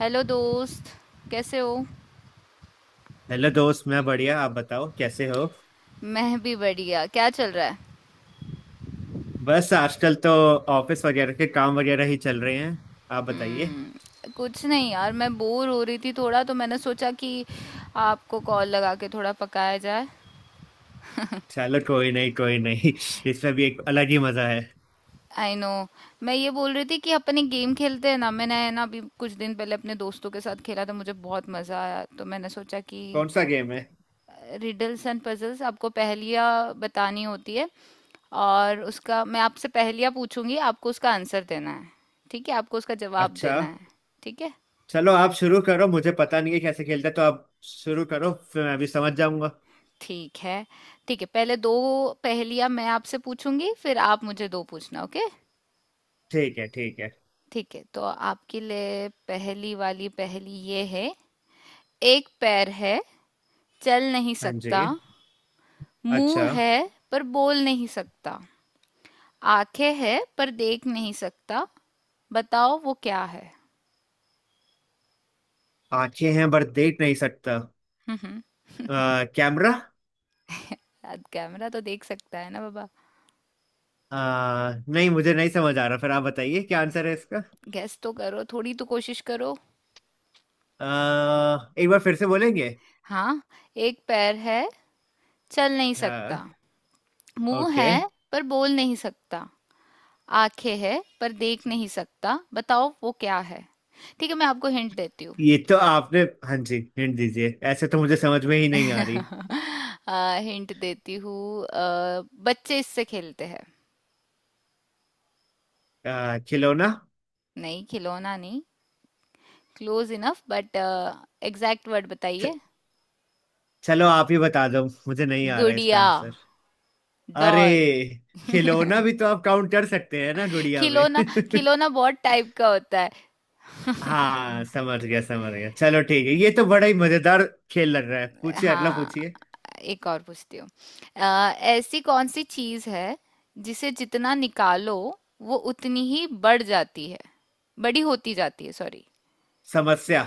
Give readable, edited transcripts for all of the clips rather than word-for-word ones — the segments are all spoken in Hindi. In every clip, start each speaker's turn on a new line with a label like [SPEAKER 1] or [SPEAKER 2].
[SPEAKER 1] हेलो दोस्त। कैसे हो?
[SPEAKER 2] हेलो दोस्त। मैं बढ़िया, आप बताओ कैसे हो।
[SPEAKER 1] मैं भी बढ़िया। क्या चल रहा है?
[SPEAKER 2] बस आजकल तो ऑफिस वगैरह के काम वगैरह ही चल रहे हैं। आप बताइए।
[SPEAKER 1] कुछ नहीं यार, मैं बोर हो रही थी थोड़ा तो मैंने सोचा कि आपको कॉल लगा के थोड़ा पकाया जाए।
[SPEAKER 2] चलो कोई नहीं कोई नहीं। इसमें भी एक अलग ही मजा है।
[SPEAKER 1] I know. मैं ये बोल रही थी कि अपन एक गेम खेलते हैं ना, मैंने है ना अभी कुछ दिन पहले अपने दोस्तों के साथ खेला था, मुझे बहुत मज़ा आया तो मैंने सोचा कि
[SPEAKER 2] कौन सा गेम है।
[SPEAKER 1] Riddles and puzzles. आपको पहेलियाँ बतानी होती है और उसका मैं आपसे पहेलियाँ पूछूंगी, आपको उसका आंसर देना है। ठीक है, आपको उसका जवाब
[SPEAKER 2] अच्छा।
[SPEAKER 1] देना है। ठीक है।
[SPEAKER 2] चलो आप शुरू करो, मुझे पता नहीं है कैसे खेलते, तो आप शुरू करो फिर मैं भी समझ जाऊंगा।
[SPEAKER 1] ठीक है। ठीक है, पहले दो पहेलियाँ मैं आपसे पूछूंगी फिर आप मुझे दो पूछना। ओके?
[SPEAKER 2] ठीक है ठीक है।
[SPEAKER 1] ठीक है, तो आपके लिए पहली वाली पहेली ये है। एक पैर है, चल नहीं
[SPEAKER 2] हाँ
[SPEAKER 1] सकता।
[SPEAKER 2] जी। अच्छा।
[SPEAKER 1] मुंह है पर बोल नहीं सकता। आंखें है पर देख नहीं सकता। बताओ वो क्या है।
[SPEAKER 2] आंखें हैं पर देख नहीं सकता।
[SPEAKER 1] हम्म।
[SPEAKER 2] कैमरा।
[SPEAKER 1] यार, कैमरा तो देख सकता है ना बाबा।
[SPEAKER 2] अ, नहीं, मुझे नहीं समझ आ रहा, फिर आप बताइए क्या आंसर है इसका।
[SPEAKER 1] गेस तो करो, थोड़ी तो कोशिश करो।
[SPEAKER 2] एक बार फिर से बोलेंगे।
[SPEAKER 1] हाँ, एक पैर है, चल नहीं
[SPEAKER 2] हाँ।
[SPEAKER 1] सकता। मुंह
[SPEAKER 2] ओके।
[SPEAKER 1] है पर बोल नहीं सकता। आंखें है पर देख नहीं सकता। बताओ वो क्या है। ठीक है, मैं आपको हिंट देती हूँ।
[SPEAKER 2] ये तो आपने। हाँ जी हिंट दीजिए, ऐसे तो मुझे समझ में ही नहीं आ रही।
[SPEAKER 1] हिंट देती हूँ। बच्चे इससे खेलते हैं।
[SPEAKER 2] खिलौना।
[SPEAKER 1] नहीं, खिलौना नहीं। Close enough but exact word
[SPEAKER 2] च-
[SPEAKER 1] बताइए।
[SPEAKER 2] चलो आप ही बता दो, मुझे नहीं आ रहा है इसका
[SPEAKER 1] गुड़िया।
[SPEAKER 2] आंसर। अरे।
[SPEAKER 1] डॉल।
[SPEAKER 2] खिलौना भी तो आप काउंट कर सकते हैं ना गुड़िया में।
[SPEAKER 1] खिलौना। खिलौना बहुत टाइप का होता है।
[SPEAKER 2] हाँ समझ गया समझ गया, चलो ठीक है, ये तो बड़ा ही मजेदार खेल लग रहा है, पूछिए, अगला
[SPEAKER 1] हाँ,
[SPEAKER 2] पूछिए।
[SPEAKER 1] एक और पूछती हूँ। अ, ऐसी कौन सी चीज है जिसे जितना निकालो वो उतनी ही बढ़ जाती है, बड़ी होती जाती है। सॉरी।
[SPEAKER 2] समस्या।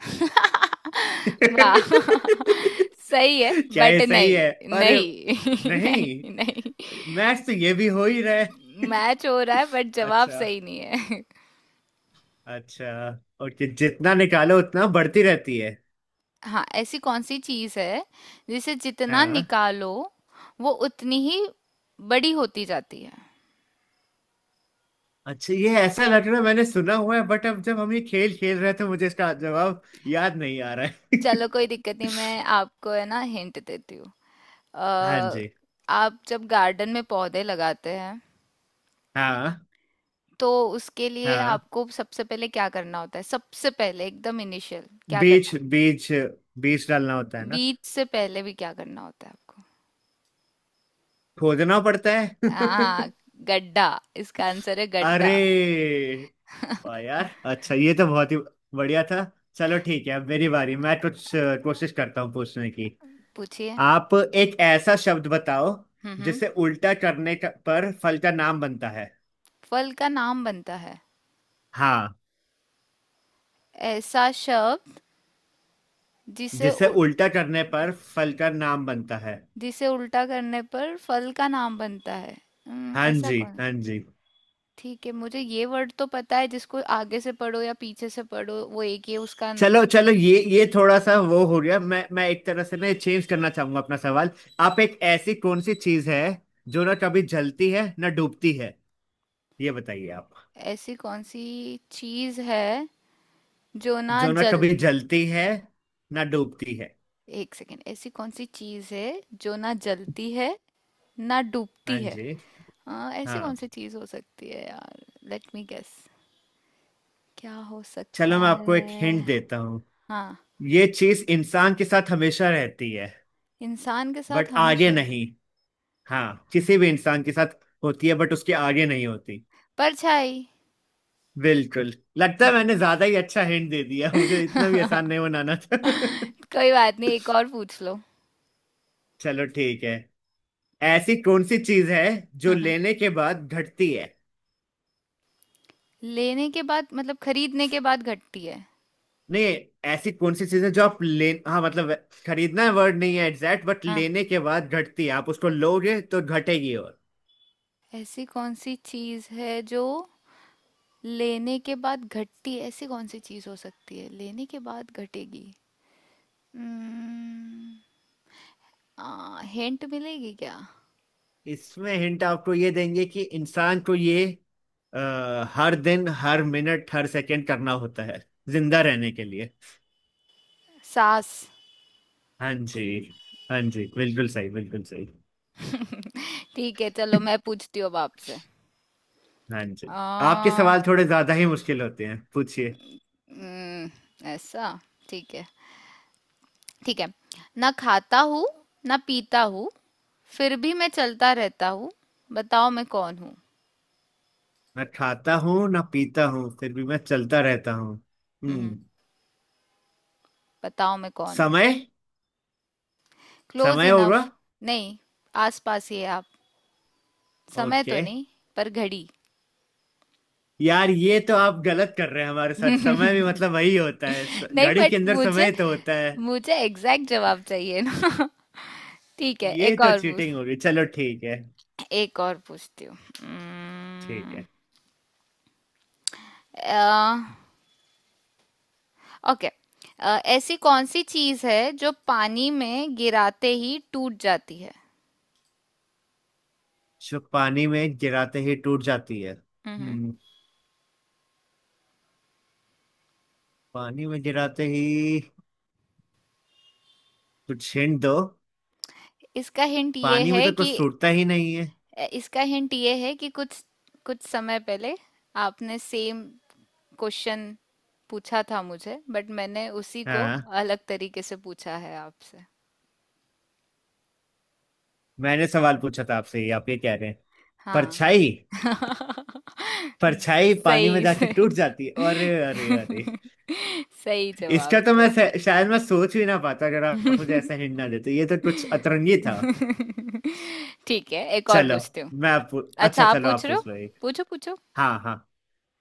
[SPEAKER 1] वाह, सही है।
[SPEAKER 2] क्या
[SPEAKER 1] बट
[SPEAKER 2] ये सही है,
[SPEAKER 1] नहीं।
[SPEAKER 2] अरे।
[SPEAKER 1] नहीं नहीं
[SPEAKER 2] नहीं
[SPEAKER 1] नहीं।
[SPEAKER 2] मैच तो ये भी हो ही रहा है।
[SPEAKER 1] मैच हो रहा है बट जवाब
[SPEAKER 2] अच्छा।
[SPEAKER 1] सही नहीं है।
[SPEAKER 2] अच्छा। ओके, जितना निकालो उतना बढ़ती रहती है।
[SPEAKER 1] हाँ, ऐसी कौन सी चीज है जिसे जितना
[SPEAKER 2] हाँ।
[SPEAKER 1] निकालो वो उतनी ही बड़ी होती जाती है।
[SPEAKER 2] अच्छा, ये ऐसा लग रहा है मैंने सुना हुआ है, बट अब जब हम ये खेल खेल रहे थे मुझे इसका जवाब याद नहीं आ रहा है।
[SPEAKER 1] चलो कोई दिक्कत नहीं, मैं आपको है ना हिंट देती हूँ।
[SPEAKER 2] हाँ
[SPEAKER 1] अ,
[SPEAKER 2] जी।
[SPEAKER 1] आप जब गार्डन में पौधे लगाते हैं
[SPEAKER 2] हाँ
[SPEAKER 1] तो उसके लिए
[SPEAKER 2] हाँ।
[SPEAKER 1] आपको सबसे पहले क्या करना होता है? सबसे पहले एकदम इनिशियल क्या
[SPEAKER 2] बीज
[SPEAKER 1] करना?
[SPEAKER 2] बीज बीज डालना होता है ना।
[SPEAKER 1] बीज से पहले भी क्या करना होता है आपको?
[SPEAKER 2] खोदना पड़ता है।
[SPEAKER 1] हाँ, गड्ढा। इसका आंसर है गड्ढा।
[SPEAKER 2] अरे। वाह यार, अच्छा ये तो बहुत ही बढ़िया था। चलो ठीक है, अब मेरी बारी, मैं कुछ कोशिश करता हूँ पूछने की।
[SPEAKER 1] पूछिए।
[SPEAKER 2] आप एक ऐसा शब्द बताओ
[SPEAKER 1] हम्म हम्म
[SPEAKER 2] जिसे उल्टा करने का, पर फल का नाम बनता है।
[SPEAKER 1] फल का नाम बनता है।
[SPEAKER 2] हाँ।
[SPEAKER 1] ऐसा शब्द जिसे
[SPEAKER 2] जिसे
[SPEAKER 1] उ,
[SPEAKER 2] उल्टा करने पर फल का नाम बनता है।
[SPEAKER 1] जिसे उल्टा करने पर फल का नाम बनता है।
[SPEAKER 2] हाँ
[SPEAKER 1] ऐसा
[SPEAKER 2] जी
[SPEAKER 1] कौन।
[SPEAKER 2] हाँ जी।
[SPEAKER 1] ठीक है, मुझे ये वर्ड तो पता है जिसको आगे से पढ़ो या पीछे से पढ़ो वो एक ही है उसका
[SPEAKER 2] चलो चलो, ये थोड़ा सा वो हो गया, मैं एक तरह से ना चेंज करना चाहूंगा अपना सवाल। आप एक ऐसी कौन सी चीज है जो ना कभी जलती है ना डूबती है, ये बताइए आप।
[SPEAKER 1] ऐसी कौन सी चीज है जो ना
[SPEAKER 2] जो ना
[SPEAKER 1] जल
[SPEAKER 2] कभी जलती है ना डूबती है।
[SPEAKER 1] एक सेकेंड। ऐसी कौन सी चीज है जो ना जलती है ना
[SPEAKER 2] हाँ
[SPEAKER 1] डूबती है।
[SPEAKER 2] जी।
[SPEAKER 1] हाँ, ऐसी कौन
[SPEAKER 2] हाँ।
[SPEAKER 1] सी चीज हो सकती है यार, लेट मी गेस। क्या हो
[SPEAKER 2] चलो
[SPEAKER 1] सकता
[SPEAKER 2] मैं आपको एक
[SPEAKER 1] है?
[SPEAKER 2] हिंट देता हूँ।
[SPEAKER 1] हाँ,
[SPEAKER 2] ये चीज इंसान के साथ हमेशा रहती है,
[SPEAKER 1] इंसान के साथ
[SPEAKER 2] बट आगे
[SPEAKER 1] हमेशा रहता है।
[SPEAKER 2] नहीं। हाँ, किसी भी इंसान के साथ होती है, बट उसके आगे नहीं होती।
[SPEAKER 1] परछाई।
[SPEAKER 2] बिल्कुल, लगता है मैंने ज्यादा ही अच्छा हिंट दे दिया, मुझे इतना भी
[SPEAKER 1] कोई
[SPEAKER 2] आसान नहीं बनाना था।
[SPEAKER 1] बात नहीं, एक और पूछ लो।
[SPEAKER 2] चलो ठीक है। ऐसी कौन सी चीज है जो
[SPEAKER 1] हम्म,
[SPEAKER 2] लेने के बाद घटती है।
[SPEAKER 1] लेने के बाद मतलब खरीदने के बाद घटती है।
[SPEAKER 2] नहीं। ऐसी कौन सी चीज है जो आप ले, हाँ मतलब, खरीदना वर्ड नहीं है एग्जैक्ट, बट
[SPEAKER 1] हाँ,
[SPEAKER 2] लेने के बाद घटती है, आप उसको लोगे तो घटेगी। और
[SPEAKER 1] ऐसी कौन सी चीज है जो लेने के बाद घटती है? ऐसी कौन सी चीज हो सकती है लेने के बाद घटेगी? हिंट मिलेगी क्या?
[SPEAKER 2] इसमें हिंट आपको ये देंगे कि इंसान को ये अ, हर दिन हर मिनट हर सेकंड करना होता है जिंदा रहने के लिए।
[SPEAKER 1] सास।
[SPEAKER 2] हाँ जी, हाँ जी, बिल्कुल सही बिल्कुल सही।
[SPEAKER 1] ठीक है, चलो मैं पूछती हूँ अब आपसे।
[SPEAKER 2] हाँ
[SPEAKER 1] आ,
[SPEAKER 2] जी। आपके सवाल थोड़े ज्यादा ही मुश्किल होते हैं, पूछिए।
[SPEAKER 1] हम्म, ऐसा ठीक है। ठीक है, ना खाता हूँ, ना पीता हूँ, फिर भी मैं चलता रहता हूँ। बताओ मैं कौन हूँ।
[SPEAKER 2] मैं खाता हूँ ना पीता हूँ फिर भी मैं चलता रहता हूँ।
[SPEAKER 1] हम्म।
[SPEAKER 2] हम्म।
[SPEAKER 1] बताओ मैं कौन हूँ।
[SPEAKER 2] समय।
[SPEAKER 1] क्लोज
[SPEAKER 2] समय
[SPEAKER 1] इनफ।
[SPEAKER 2] होगा।
[SPEAKER 1] नहीं, आस पास ही है आप, समय तो
[SPEAKER 2] ओके।
[SPEAKER 1] नहीं पर घड़ी।
[SPEAKER 2] यार ये तो आप गलत कर रहे हैं हमारे साथ, समय भी मतलब वही होता है,
[SPEAKER 1] नहीं
[SPEAKER 2] घड़ी के
[SPEAKER 1] बट
[SPEAKER 2] अंदर
[SPEAKER 1] मुझे
[SPEAKER 2] समय तो होता है।
[SPEAKER 1] मुझे एग्जैक्ट जवाब चाहिए ना। ठीक है,
[SPEAKER 2] ये तो चीटिंग होगी, चलो ठीक है
[SPEAKER 1] एक और पूछती हूँ।
[SPEAKER 2] ठीक
[SPEAKER 1] हम्म,
[SPEAKER 2] है।
[SPEAKER 1] अ, ओके ऐसी कौन सी चीज है जो पानी में गिराते ही टूट जाती है।
[SPEAKER 2] जो पानी में गिराते ही टूट जाती है
[SPEAKER 1] हम्म।
[SPEAKER 2] हम्म। पानी में गिराते ही, कुछ हिंट दो,
[SPEAKER 1] इसका हिंट ये
[SPEAKER 2] पानी में
[SPEAKER 1] है
[SPEAKER 2] तो
[SPEAKER 1] कि
[SPEAKER 2] कुछ टूटता ही नहीं है।
[SPEAKER 1] इसका हिंट ये है कि कुछ कुछ समय पहले आपने सेम क्वेश्चन पूछा था मुझे बट मैंने उसी को
[SPEAKER 2] हाँ।
[SPEAKER 1] अलग तरीके से पूछा है आपसे।
[SPEAKER 2] मैंने सवाल पूछा था आपसे, ये आप ये कह रहे हैं।
[SPEAKER 1] हाँ।
[SPEAKER 2] परछाई। परछाई पानी में
[SPEAKER 1] सही
[SPEAKER 2] जाके
[SPEAKER 1] से।
[SPEAKER 2] टूट जाती है, अरे अरे अरे।
[SPEAKER 1] सही जवाब
[SPEAKER 2] इसका तो
[SPEAKER 1] से।
[SPEAKER 2] मैं शायद मैं सोच भी ना पाता अगर आप मुझे ऐसा हिंट ना देते, ये तो कुछ अतरंगी था।
[SPEAKER 1] ठीक है, एक और
[SPEAKER 2] चलो
[SPEAKER 1] पूछती हूँ।
[SPEAKER 2] मैं अच्छा
[SPEAKER 1] अच्छा, आप
[SPEAKER 2] चलो आप
[SPEAKER 1] पूछ रहे हो?
[SPEAKER 2] पूछ लो एक।
[SPEAKER 1] पूछो पूछो।
[SPEAKER 2] हाँ हाँ।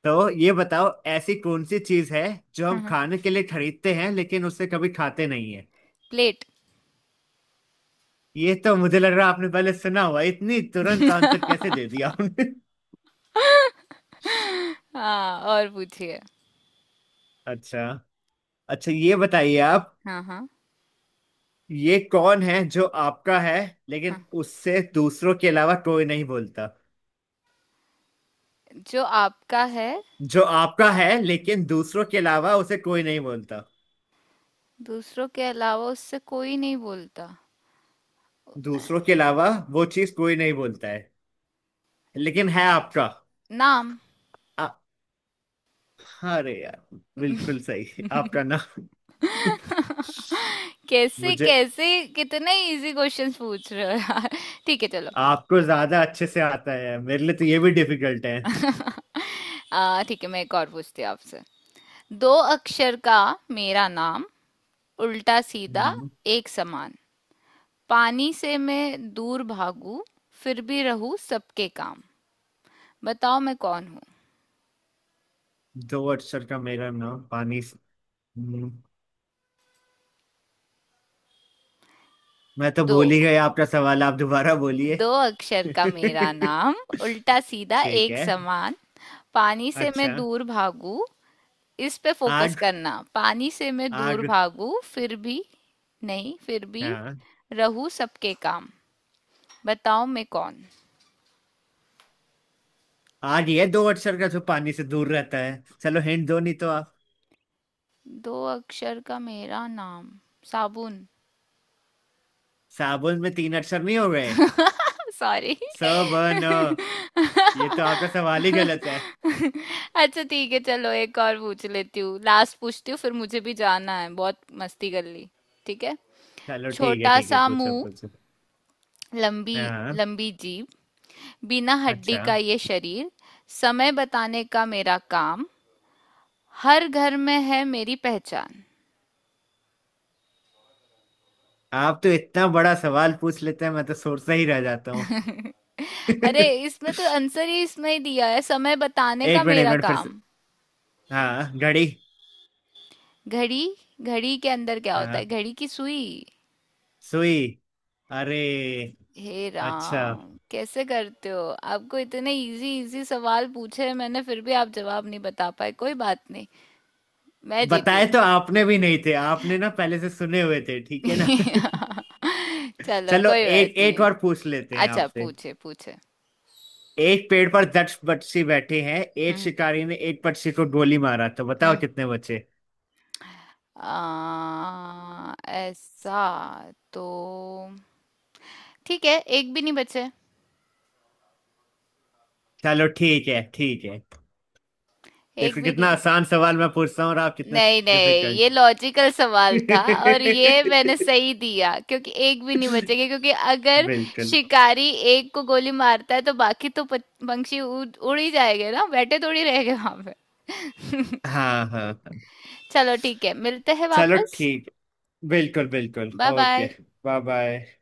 [SPEAKER 2] तो ये बताओ, ऐसी कौन सी चीज है जो हम
[SPEAKER 1] हम्म,
[SPEAKER 2] खाने के लिए खरीदते हैं लेकिन उससे कभी खाते नहीं है।
[SPEAKER 1] प्लेट।
[SPEAKER 2] ये तो मुझे लग रहा है आपने पहले सुना हुआ है। इतनी तुरंत आंसर कैसे दे दिया आपने।
[SPEAKER 1] हाँ, और पूछिए।
[SPEAKER 2] अच्छा। अच्छा, ये बताइए आप।
[SPEAKER 1] हाँ हाँ।
[SPEAKER 2] ये कौन है जो आपका है
[SPEAKER 1] हाँ,
[SPEAKER 2] लेकिन उससे दूसरों के अलावा कोई नहीं बोलता।
[SPEAKER 1] जो आपका है,
[SPEAKER 2] जो आपका है लेकिन दूसरों के अलावा उसे कोई नहीं बोलता।
[SPEAKER 1] दूसरों के अलावा उससे कोई नहीं बोलता।
[SPEAKER 2] दूसरों के अलावा वो चीज कोई नहीं बोलता है, लेकिन है आपका।
[SPEAKER 1] नाम।
[SPEAKER 2] आ, अरे यार, बिल्कुल सही आपका।
[SPEAKER 1] कैसे
[SPEAKER 2] मुझे।
[SPEAKER 1] कैसे! कितने इजी क्वेश्चंस पूछ रहे हो यार। ठीक है चलो।
[SPEAKER 2] आपको ज्यादा अच्छे से आता है, मेरे लिए तो ये भी डिफिकल्ट है।
[SPEAKER 1] ठीक है, मैं एक और पूछती हूँ आपसे। दो अक्षर का मेरा नाम, उल्टा सीधा
[SPEAKER 2] हम्म।
[SPEAKER 1] एक समान, पानी से मैं दूर भागू फिर भी रहूं सबके काम। बताओ मैं कौन हूँ।
[SPEAKER 2] दो अक्षर का मेरा नाम पानी से। हम्म, मैं तो
[SPEAKER 1] दो
[SPEAKER 2] भूल ही गया आपका सवाल, आप दोबारा बोलिए।
[SPEAKER 1] दो अक्षर का मेरा नाम, उल्टा सीधा
[SPEAKER 2] ठीक
[SPEAKER 1] एक
[SPEAKER 2] है।
[SPEAKER 1] समान, पानी से
[SPEAKER 2] अच्छा।
[SPEAKER 1] मैं दूर भागू। इस पे फोकस
[SPEAKER 2] आग।
[SPEAKER 1] करना, पानी से मैं दूर
[SPEAKER 2] आग।
[SPEAKER 1] भागू फिर भी। नहीं, फिर भी
[SPEAKER 2] हाँ।
[SPEAKER 1] रहू सबके काम। बताओ मैं कौन।
[SPEAKER 2] आग, ये दो अक्षर का जो पानी से दूर रहता है, चलो हिंट दो नहीं तो आप।
[SPEAKER 1] दो अक्षर का मेरा नाम। साबुन।
[SPEAKER 2] साबुन में तीन अक्षर नहीं हो गए।
[SPEAKER 1] सॉरी।
[SPEAKER 2] स ब न, ये तो आपका सवाल ही गलत है।
[SPEAKER 1] अच्छा ठीक है चलो, एक और पूछ लेती हूँ, लास्ट पूछती हूँ, फिर मुझे भी जाना है, बहुत मस्ती कर ली। ठीक है।
[SPEAKER 2] चलो ठीक है
[SPEAKER 1] छोटा
[SPEAKER 2] ठीक है,
[SPEAKER 1] सा
[SPEAKER 2] पूछो
[SPEAKER 1] मुंह,
[SPEAKER 2] पूछो।
[SPEAKER 1] लंबी
[SPEAKER 2] हाँ।
[SPEAKER 1] लंबी जीभ, बिना हड्डी
[SPEAKER 2] अच्छा।
[SPEAKER 1] का ये शरीर, समय बताने का मेरा काम, हर घर में है मेरी पहचान।
[SPEAKER 2] आप तो इतना बड़ा सवाल पूछ लेते हैं, मैं तो सोचता ही रह जाता हूँ।
[SPEAKER 1] अरे,
[SPEAKER 2] एक
[SPEAKER 1] इसमें तो आंसर ही इसमें ही दिया है, समय बताने का
[SPEAKER 2] मिनट, एक
[SPEAKER 1] मेरा
[SPEAKER 2] मिनट फिर से।
[SPEAKER 1] काम।
[SPEAKER 2] हाँ, घड़ी।
[SPEAKER 1] घड़ी। घड़ी के अंदर क्या होता है?
[SPEAKER 2] हाँ,
[SPEAKER 1] घड़ी की सुई।
[SPEAKER 2] सुई। अरे।
[SPEAKER 1] हे
[SPEAKER 2] अच्छा,
[SPEAKER 1] राम, कैसे करते हो! आपको इतने इजी इजी सवाल पूछे हैं मैंने फिर भी आप जवाब नहीं बता पाए, कोई बात नहीं। मैं जीती।
[SPEAKER 2] बताए तो आपने भी नहीं थे, आपने ना पहले से सुने हुए थे, ठीक है ना।
[SPEAKER 1] चलो
[SPEAKER 2] चलो
[SPEAKER 1] कोई बात
[SPEAKER 2] एक, एक
[SPEAKER 1] नहीं।
[SPEAKER 2] और पूछ लेते हैं
[SPEAKER 1] अच्छा,
[SPEAKER 2] आपसे।
[SPEAKER 1] पूछे पूछे।
[SPEAKER 2] एक पेड़ पर 10 पक्षी बैठे हैं, एक
[SPEAKER 1] हम्म
[SPEAKER 2] शिकारी ने एक पक्षी को गोली मारा तो बताओ
[SPEAKER 1] हम्म
[SPEAKER 2] कितने बचे।
[SPEAKER 1] ऐसा तो। ठीक है, एक भी नहीं बचे।
[SPEAKER 2] चलो ठीक है ठीक है,
[SPEAKER 1] एक
[SPEAKER 2] देखो
[SPEAKER 1] भी नहीं
[SPEAKER 2] कितना आसान
[SPEAKER 1] बचे।
[SPEAKER 2] सवाल मैं पूछता हूँ और आप कितने
[SPEAKER 1] नहीं नहीं,
[SPEAKER 2] डिफिकल्ट।
[SPEAKER 1] ये लॉजिकल सवाल था और ये मैंने सही दिया क्योंकि एक भी नहीं बचेगा क्योंकि अगर
[SPEAKER 2] बिल्कुल।
[SPEAKER 1] शिकारी एक को गोली मारता है तो बाकी तो पंछी उड़ उड़ ही जाएंगे ना, बैठे थोड़ी रहेंगे वहां पे।
[SPEAKER 2] हाँ हाँ हाँ।
[SPEAKER 1] चलो ठीक है, मिलते हैं
[SPEAKER 2] चलो
[SPEAKER 1] वापस।
[SPEAKER 2] ठीक, बिल्कुल बिल्कुल
[SPEAKER 1] bye
[SPEAKER 2] okay.
[SPEAKER 1] Bye.
[SPEAKER 2] Bye bye.